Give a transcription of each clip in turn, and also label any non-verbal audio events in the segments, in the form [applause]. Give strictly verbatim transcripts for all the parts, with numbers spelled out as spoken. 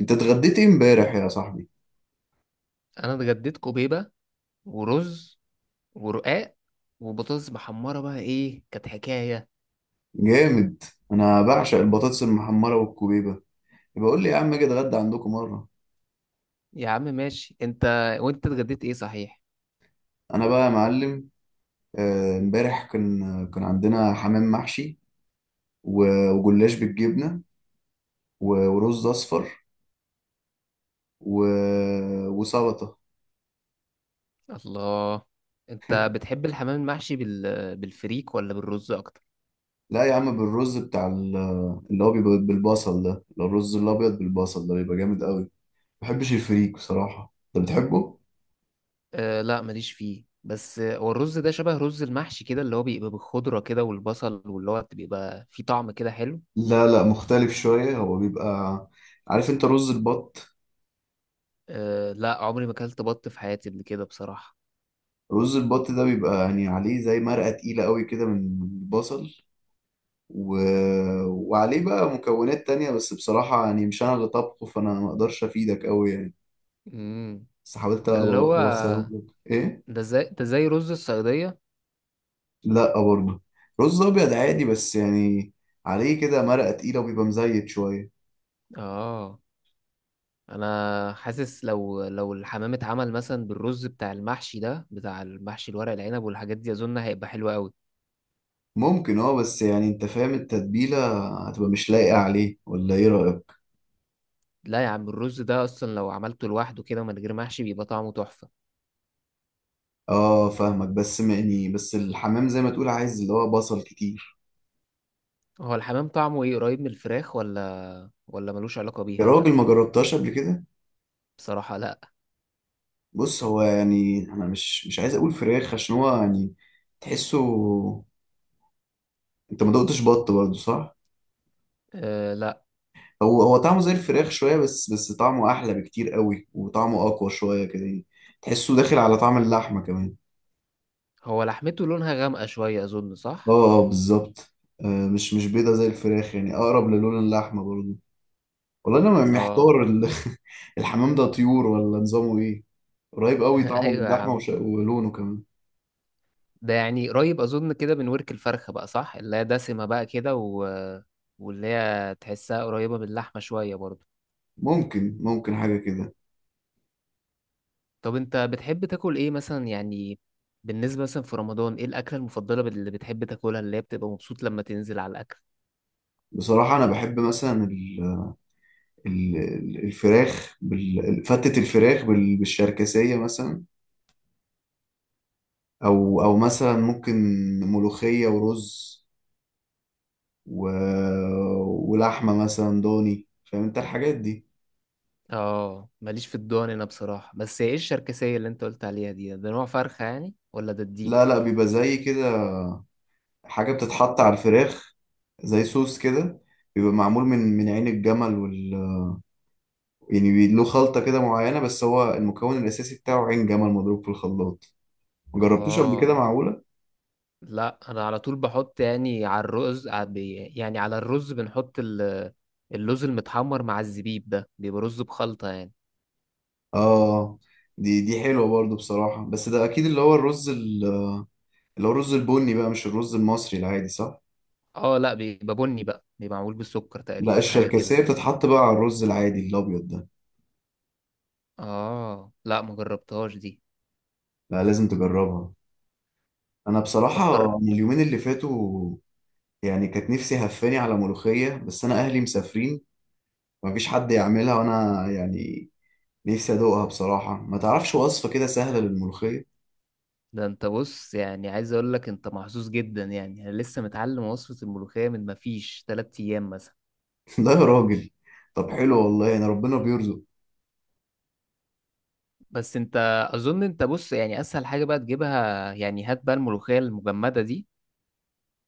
انت اتغديت ايه امبارح يا صاحبي؟ انا اتغديت كوبيبه ورز ورقاق وبطاطس محمره، بقى ايه كانت حكايه؟ جامد. انا بعشق البطاطس المحمره والكوبيبه. يبقى قول لي يا عم اجي اتغدى عندكم مره. يا عم ماشي انت. وانت اتغديت ايه صحيح؟ انا بقى يا معلم، آه، امبارح كان كان عندنا حمام محشي. و- وجلاش بالجبنه. و- ورز اصفر. و- وسلطه. الله. انت بتحب الحمام المحشي بال... بالفريك ولا بالرز اكتر؟ لا يا عم بالرز بتاع ال- اللي هو بيبقى بالبصل ده، اللي هو الرز الابيض بالبصل ده بيبقى جامد قوي. ما بحبش الفريك بصراحه، انت بتحبه؟ أه لا، ماليش فيه بس. آه، هو الرز ده شبه رز المحشي كده اللي هو بيبقى بالخضره كده والبصل، واللي هو بيبقى فيه طعم كده حلو. لا لا، مختلف شويه. هو بيبقى، عارف انت رز البط؟ أه لا، عمري ما اكلت بط في حياتي قبل كده بصراحه. رز البط ده بيبقى يعني عليه زي مرقة تقيلة قوي كده من من البصل و... وعليه بقى مكونات تانية، بس بصراحة يعني مش أنا اللي طبخه، فأنا ما أقدرش أفيدك قوي يعني. امم. بس حاولت ده اللي هو أوصله لك. إيه؟ ده زي ده زي رز الصياديه. لأ برضه. رز أبيض عادي بس يعني عليه كده مرقة تقيلة وبيبقى مزيت شوية. اه. انا حاسس لو لو الحمام اتعمل مثلا بالرز بتاع المحشي ده بتاع المحشي الورق العنب والحاجات دي، اظن هيبقى حلو قوي. ممكن اه، بس يعني انت فاهم التتبيلة هتبقى مش لايقة عليه، ولا ايه رأيك؟ لا يا عم، الرز ده اصلا لو عملته لوحده كده من غير محشي بيبقى طعمه تحفة. اه فاهمك، بس يعني بس الحمام زي ما تقول عايز اللي هو بصل كتير. هو الحمام طعمه ايه؟ قريب من الفراخ ولا ولا ملوش علاقة يا بيها؟ راجل ما جربتهاش قبل كده؟ بصراحة لا. بص، هو يعني انا مش مش عايز اقول فراخ عشان هو يعني تحسه. انت ما دقتش بط برضه صح؟ أه لا. هو هو طعمه زي الفراخ شويه، بس بس طعمه احلى بكتير قوي وطعمه اقوى شويه كده يعني. تحسه داخل على طعم اللحمه كمان. هو لحمته لونها غامقة شوية اظن، صح؟ اه اه، بالظبط. آه، مش مش بيضه زي الفراخ يعني، اقرب للون اللحمه برضه. والله انا اه. محتار ال- [laughs] الحمام ده طيور ولا نظامه ايه؟ قريب [laughs] قوي طعمه من ايوه يا اللحمه، عم. وش- ولونه كمان. ده يعني قريب اظن كده من ورك الفرخة بقى صح، اللي هي دسمة بقى كده و... واللي هي تحسها قريبة من اللحمة شوية برضه. ممكن ممكن حاجه كده. طب انت بتحب تاكل ايه مثلا يعني؟ بالنسبة مثلا في رمضان، ايه الأكلة المفضلة اللي بتحب تاكلها، اللي هي بتبقى مبسوط لما تنزل على الأكل؟ بصراحه انا بحب مثلا ال- ال- الفراخ بال- فتة الفراخ بال- بالشركسية مثلا. أو أو مثلا ممكن ملوخية ورز و... ولحمة مثلا ضاني، فاهم أنت الحاجات دي. اه، ماليش في الضان انا بصراحة. بس ايه الشركسية اللي انت قلت عليها دي؟ ده نوع فرخة يعني ولا ده لا الديك؟ لا، بيبقى زي كده حاجة بتتحط على الفراخ زي صوص كده. بيبقى معمول من من عين الجمل وال... يعني بي- له خلطة كده معينة، بس هو المكون الأساسي بتاعه عين جمل مضروب في الخلاط. مجربتوش قبل كده اه معقولة؟ لا، انا على طول بحط يعني على الرز ع- بي- يعني على الرز بنحط ال- اللوز المتحمر مع الزبيب ده، بيبقى رز بخلطة يعني. اه، دي دي حلوة برضو بصراحة، بس ده أكيد اللي هو الرز ال- اللي هو الرز البني بقى مش الرز المصري العادي صح؟ اه لا، بيبقى بني بقى، بيبقى معمول بالسكر لا تقريبا حاجة كده. الشركسية بتتحط بقى على الرز العادي الأبيض ده. اه لا، ما جربتهاش دي. لا، لازم تجربها. أنا طب جر- بصراحة من اليومين اللي فاتوا يعني كانت نفسي هفاني على ملوخية، بس أنا أهلي مسافرين، مفيش حد يعملها، وأنا يعني نفسي أدوقها بصراحة. ما تعرفش وصفة كده سهلة للملوخية؟ ده انت بص، يعني عايز اقول لك انت محظوظ جدا، يعني انا لسه متعلم وصفة الملوخية من ما فيش 3 ايام مثلا. [laughs] لا يا راجل، طب حلو والله، يعني ربنا بيرزق. بس انت اظن انت بص، يعني اسهل حاجة بقى تجيبها، يعني هات بقى الملوخية المجمدة دي.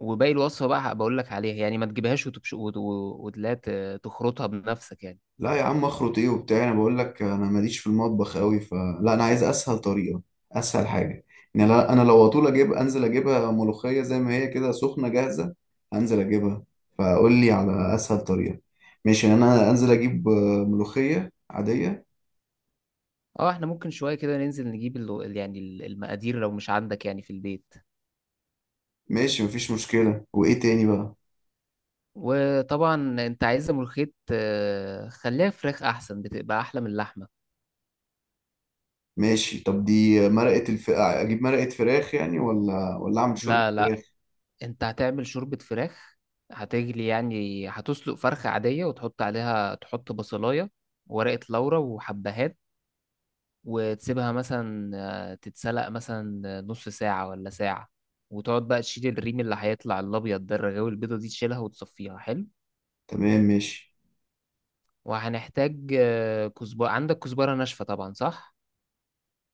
وباقي الوصفة بقى بقول لك عليها يعني، ما تجيبهاش وتبش وت- و- وتلاقي ت- تخرطها بنفسك يعني. لا يا عم اخرط ايه وبتاع، انا بقول لك انا ماليش في المطبخ قوي، فلا انا عايز اسهل طريقه، اسهل حاجه. يعني لا- انا لو اطول اجيب، انزل اجيبها ملوخيه زي ما هي كده سخنه جاهزه. انزل اجيبها، فقول لي على اسهل طريقه. ماشي يعني انا انزل اجيب آه، ملوخيه عاديه. اه، احنا ممكن شوية كده ننزل نجيب ال- ال- يعني ال- المقادير لو مش عندك يعني في البيت. ماشي مفيش مشكله، وايه تاني بقى؟ وطبعا انت عايزة ملوخية، آه، خليها فراخ احسن، بتبقى احلى من اللحمة. ماشي، طب دي مرقه الف... اجيب مرقه فراخ يعني، ولا ولا اعمل شوربه لا لا. فراخ؟ انت هتعمل شوربة فراخ. هتجلي يعني هتسلق فرخة عادية، وتحط عليها تحط بصلاية، ورقة لورا وحبهات. وتسيبها مثلا آه، تتسلق مثلا نص ساعة ولا ساعة. وتقعد بقى تشيل الريم اللي هيطلع الأبيض ده، الرغاوي البيضة دي تشيلها وتصفيها حلو. تمام ماشي. وهنحتاج آه، كزبرة. عندك كزبرة ناشفة طبعا، صح؟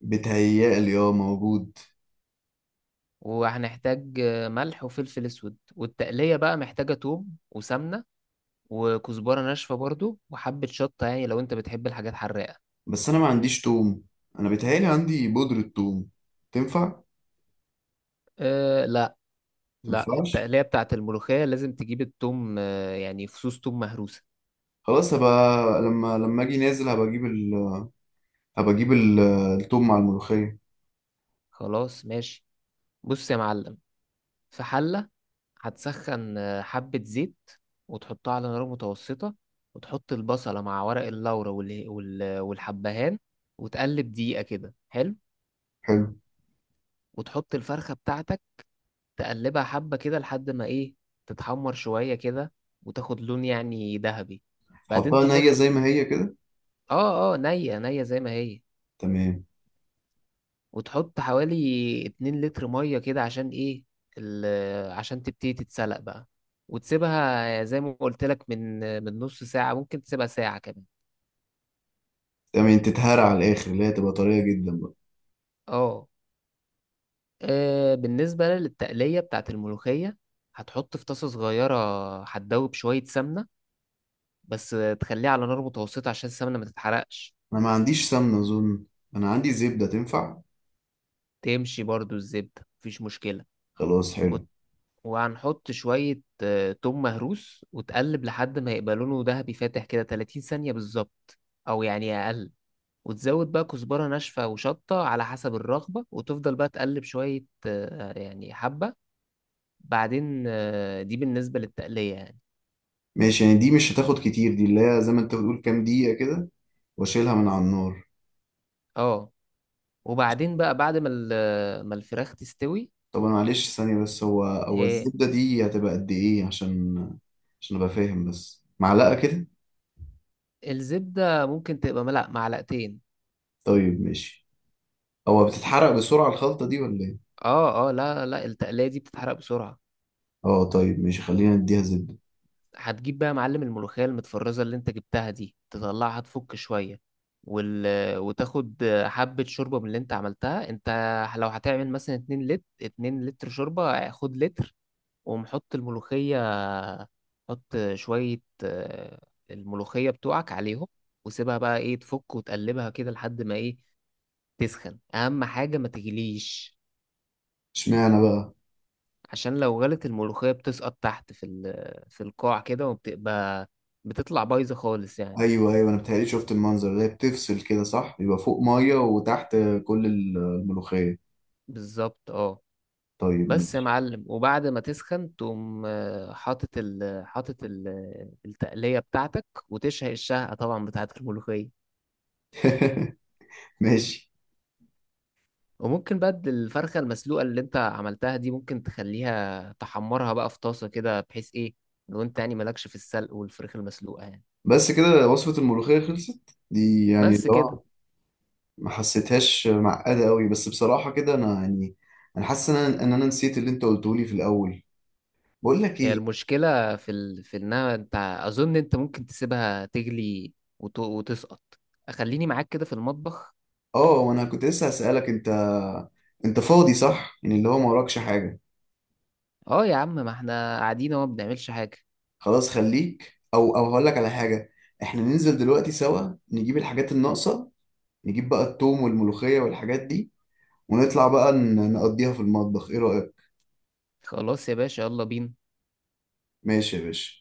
بتهيألي اه موجود. وهنحتاج آه، ملح وفلفل أسود. والتقلية بقى محتاجة توم وسمنة، وكزبرة ناشفة برضو، وحبة شطة يعني لو انت بتحب الحاجات حراقة. بس انا ما عنديش توم، انا بيتهيألي عندي بودرة توم، تنفع؟ أه لا لا، تنفعش. التقلية بتاعت الملوخية لازم تجيب التوم. آه، يعني فصوص توم مهروسة. خلاص هبقى لما لما اجي نازل هبقى اجيب ال... هبقى اجيب ال... التوم مع الملوخية. خلاص ماشي. بص يا معلم، في حلة هتسخن آه، حبة زيت وتحطها على نار متوسطة. وتحط البصلة مع ورق اللورا وال- وال- والحبهان وتقلب دقيقة كده، حلو. حلو. وتحط الفرخة بتاعتك، تقلبها حبة كده لحد ما ايه، تتحمر شوية كده وتاخد لون يعني ذهبي. بعدين حطها تحط. نية زي ما هي كده. اه اه، نية نية زي ما هي. تمام. وتحط حوالي 2 لتر ميه كده عشان ايه، ال- عشان تبتدي تتسلق بقى. وتسيبها زي ما قلت لك من من نص ساعه، ممكن تسيبها ساعه كمان. تمام، تتهرى على الاخر اللي هي تبقى طرية جدا بقى. اه. آه، بالنسبه للتقليه بتاعت الملوخيه، هتحط في طاسه صغيره هتدوب شويه سمنه بس. تخليها على نار متوسطه عشان السمنه ما تتحرقش. انا ما عنديش سمنة اظن، انا عندي زبدة تنفع. تمشي برضو الزبده، مفيش مشكله. خلاص حلو. وهنحط شوية آه، توم مهروس وتقلب لحد ما يبقى لونه ذهبي فاتح كده 30 ثانية بالظبط، أو يعني أقل. وتزود بقى كزبرة ناشفة وشطة على حسب الرغبة، وتفضل بقى تقلب شوية آه، يعني حبة. بعدين آه، دي بالنسبة للتقلية يعني. ماشي يعني دي مش هتاخد كتير، دي اللي هي زي ما انت بتقول كام دقيقة كده، واشيلها من على النار. اه. وبعدين بقى بعد ما ال- آه، ما الفراخ تستوي. طب انا معلش ثانية بس، هو هو ايه؟ الزبدة دي هتبقى قد ايه؟ عشان عشان ابقى فاهم، بس معلقة كده؟ الزبدة ممكن تبقى ملأ معلقتين. طيب ماشي. هو بتتحرق بسرعة الخلطة دي ولا ايه؟ اه اه، لا لا، التقلية دي بتتحرق بسرعة. اه طيب ماشي، خلينا نديها زبدة. هتجيب بقى يا معلم الملوخية المتفرزة اللي انت جبتها دي، تطلعها تفك شوية. وال... وتاخد حبة شوربة من اللي انت عملتها انت. لو هتعمل مثلا 2 لتر 2 لتر شوربة، خد لتر ومحط الملوخية. حط شوية آه، الملوخية بتوعك عليهم، وسيبها بقى ايه تفك وتقلبها كده لحد ما ايه تسخن، اهم حاجة ما تغليش. اشمعنى بقى؟ عشان لو غلت الملوخية بتسقط تحت في ال... في القاع كده، وبتبقى بتطلع بايظة خالص يعني. ايوه ايوه، انا بتهيألي شفت المنظر ده، بتفصل كده صح، يبقى فوق مية وتحت كل الملوخية. بالظبط اه. طيب بس يا ماشي. معلم، وبعد ما تسخن تقوم آه، حاطط ال حاطط ال- التقلية بتاعتك، وتشهق الشهقة طبعا بتاعت الملوخية. [laughs] ماشي. وممكن بقى الفرخة المسلوقة اللي انت عملتها دي ممكن تخليها تحمرها بقى في طاسة كده، بحيث ايه لو انت يعني مالكش في السلق والفراخ المسلوقة يعني. بس كده وصفة الملوخية خلصت دي يعني؟ بس كده. لا، ما حسيتهاش معقدة قوي، بس بصراحة كده انا يعني انا حاسس ان انا ان انا نسيت اللي انت قلته لي في الاول. بقول لك هي ايه، المشكلة في ال... في انها انت اظن انت ممكن تسيبها تغلي وت... وتسقط. خليني معاك كده في المطبخ. اه وانا كنت لسه هسألك، انت انت فاضي صح يعني؟ اللي هو ما وراكش حاجة. اه يا عم، ما احنا قاعدين اهو ما بنعملش حاجة. خلاص خليك، او او هقول لك على حاجة. احنا ننزل دلوقتي سوا نجيب الحاجات الناقصة، نجيب بقى التوم والملوخية والحاجات دي، ونطلع بقى ن- نقضيها في المطبخ. ايه رأيك؟ خلاص يا باشا، يلا بينا. ماشي يا باشا،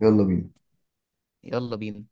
يلا بينا. يلا بينا.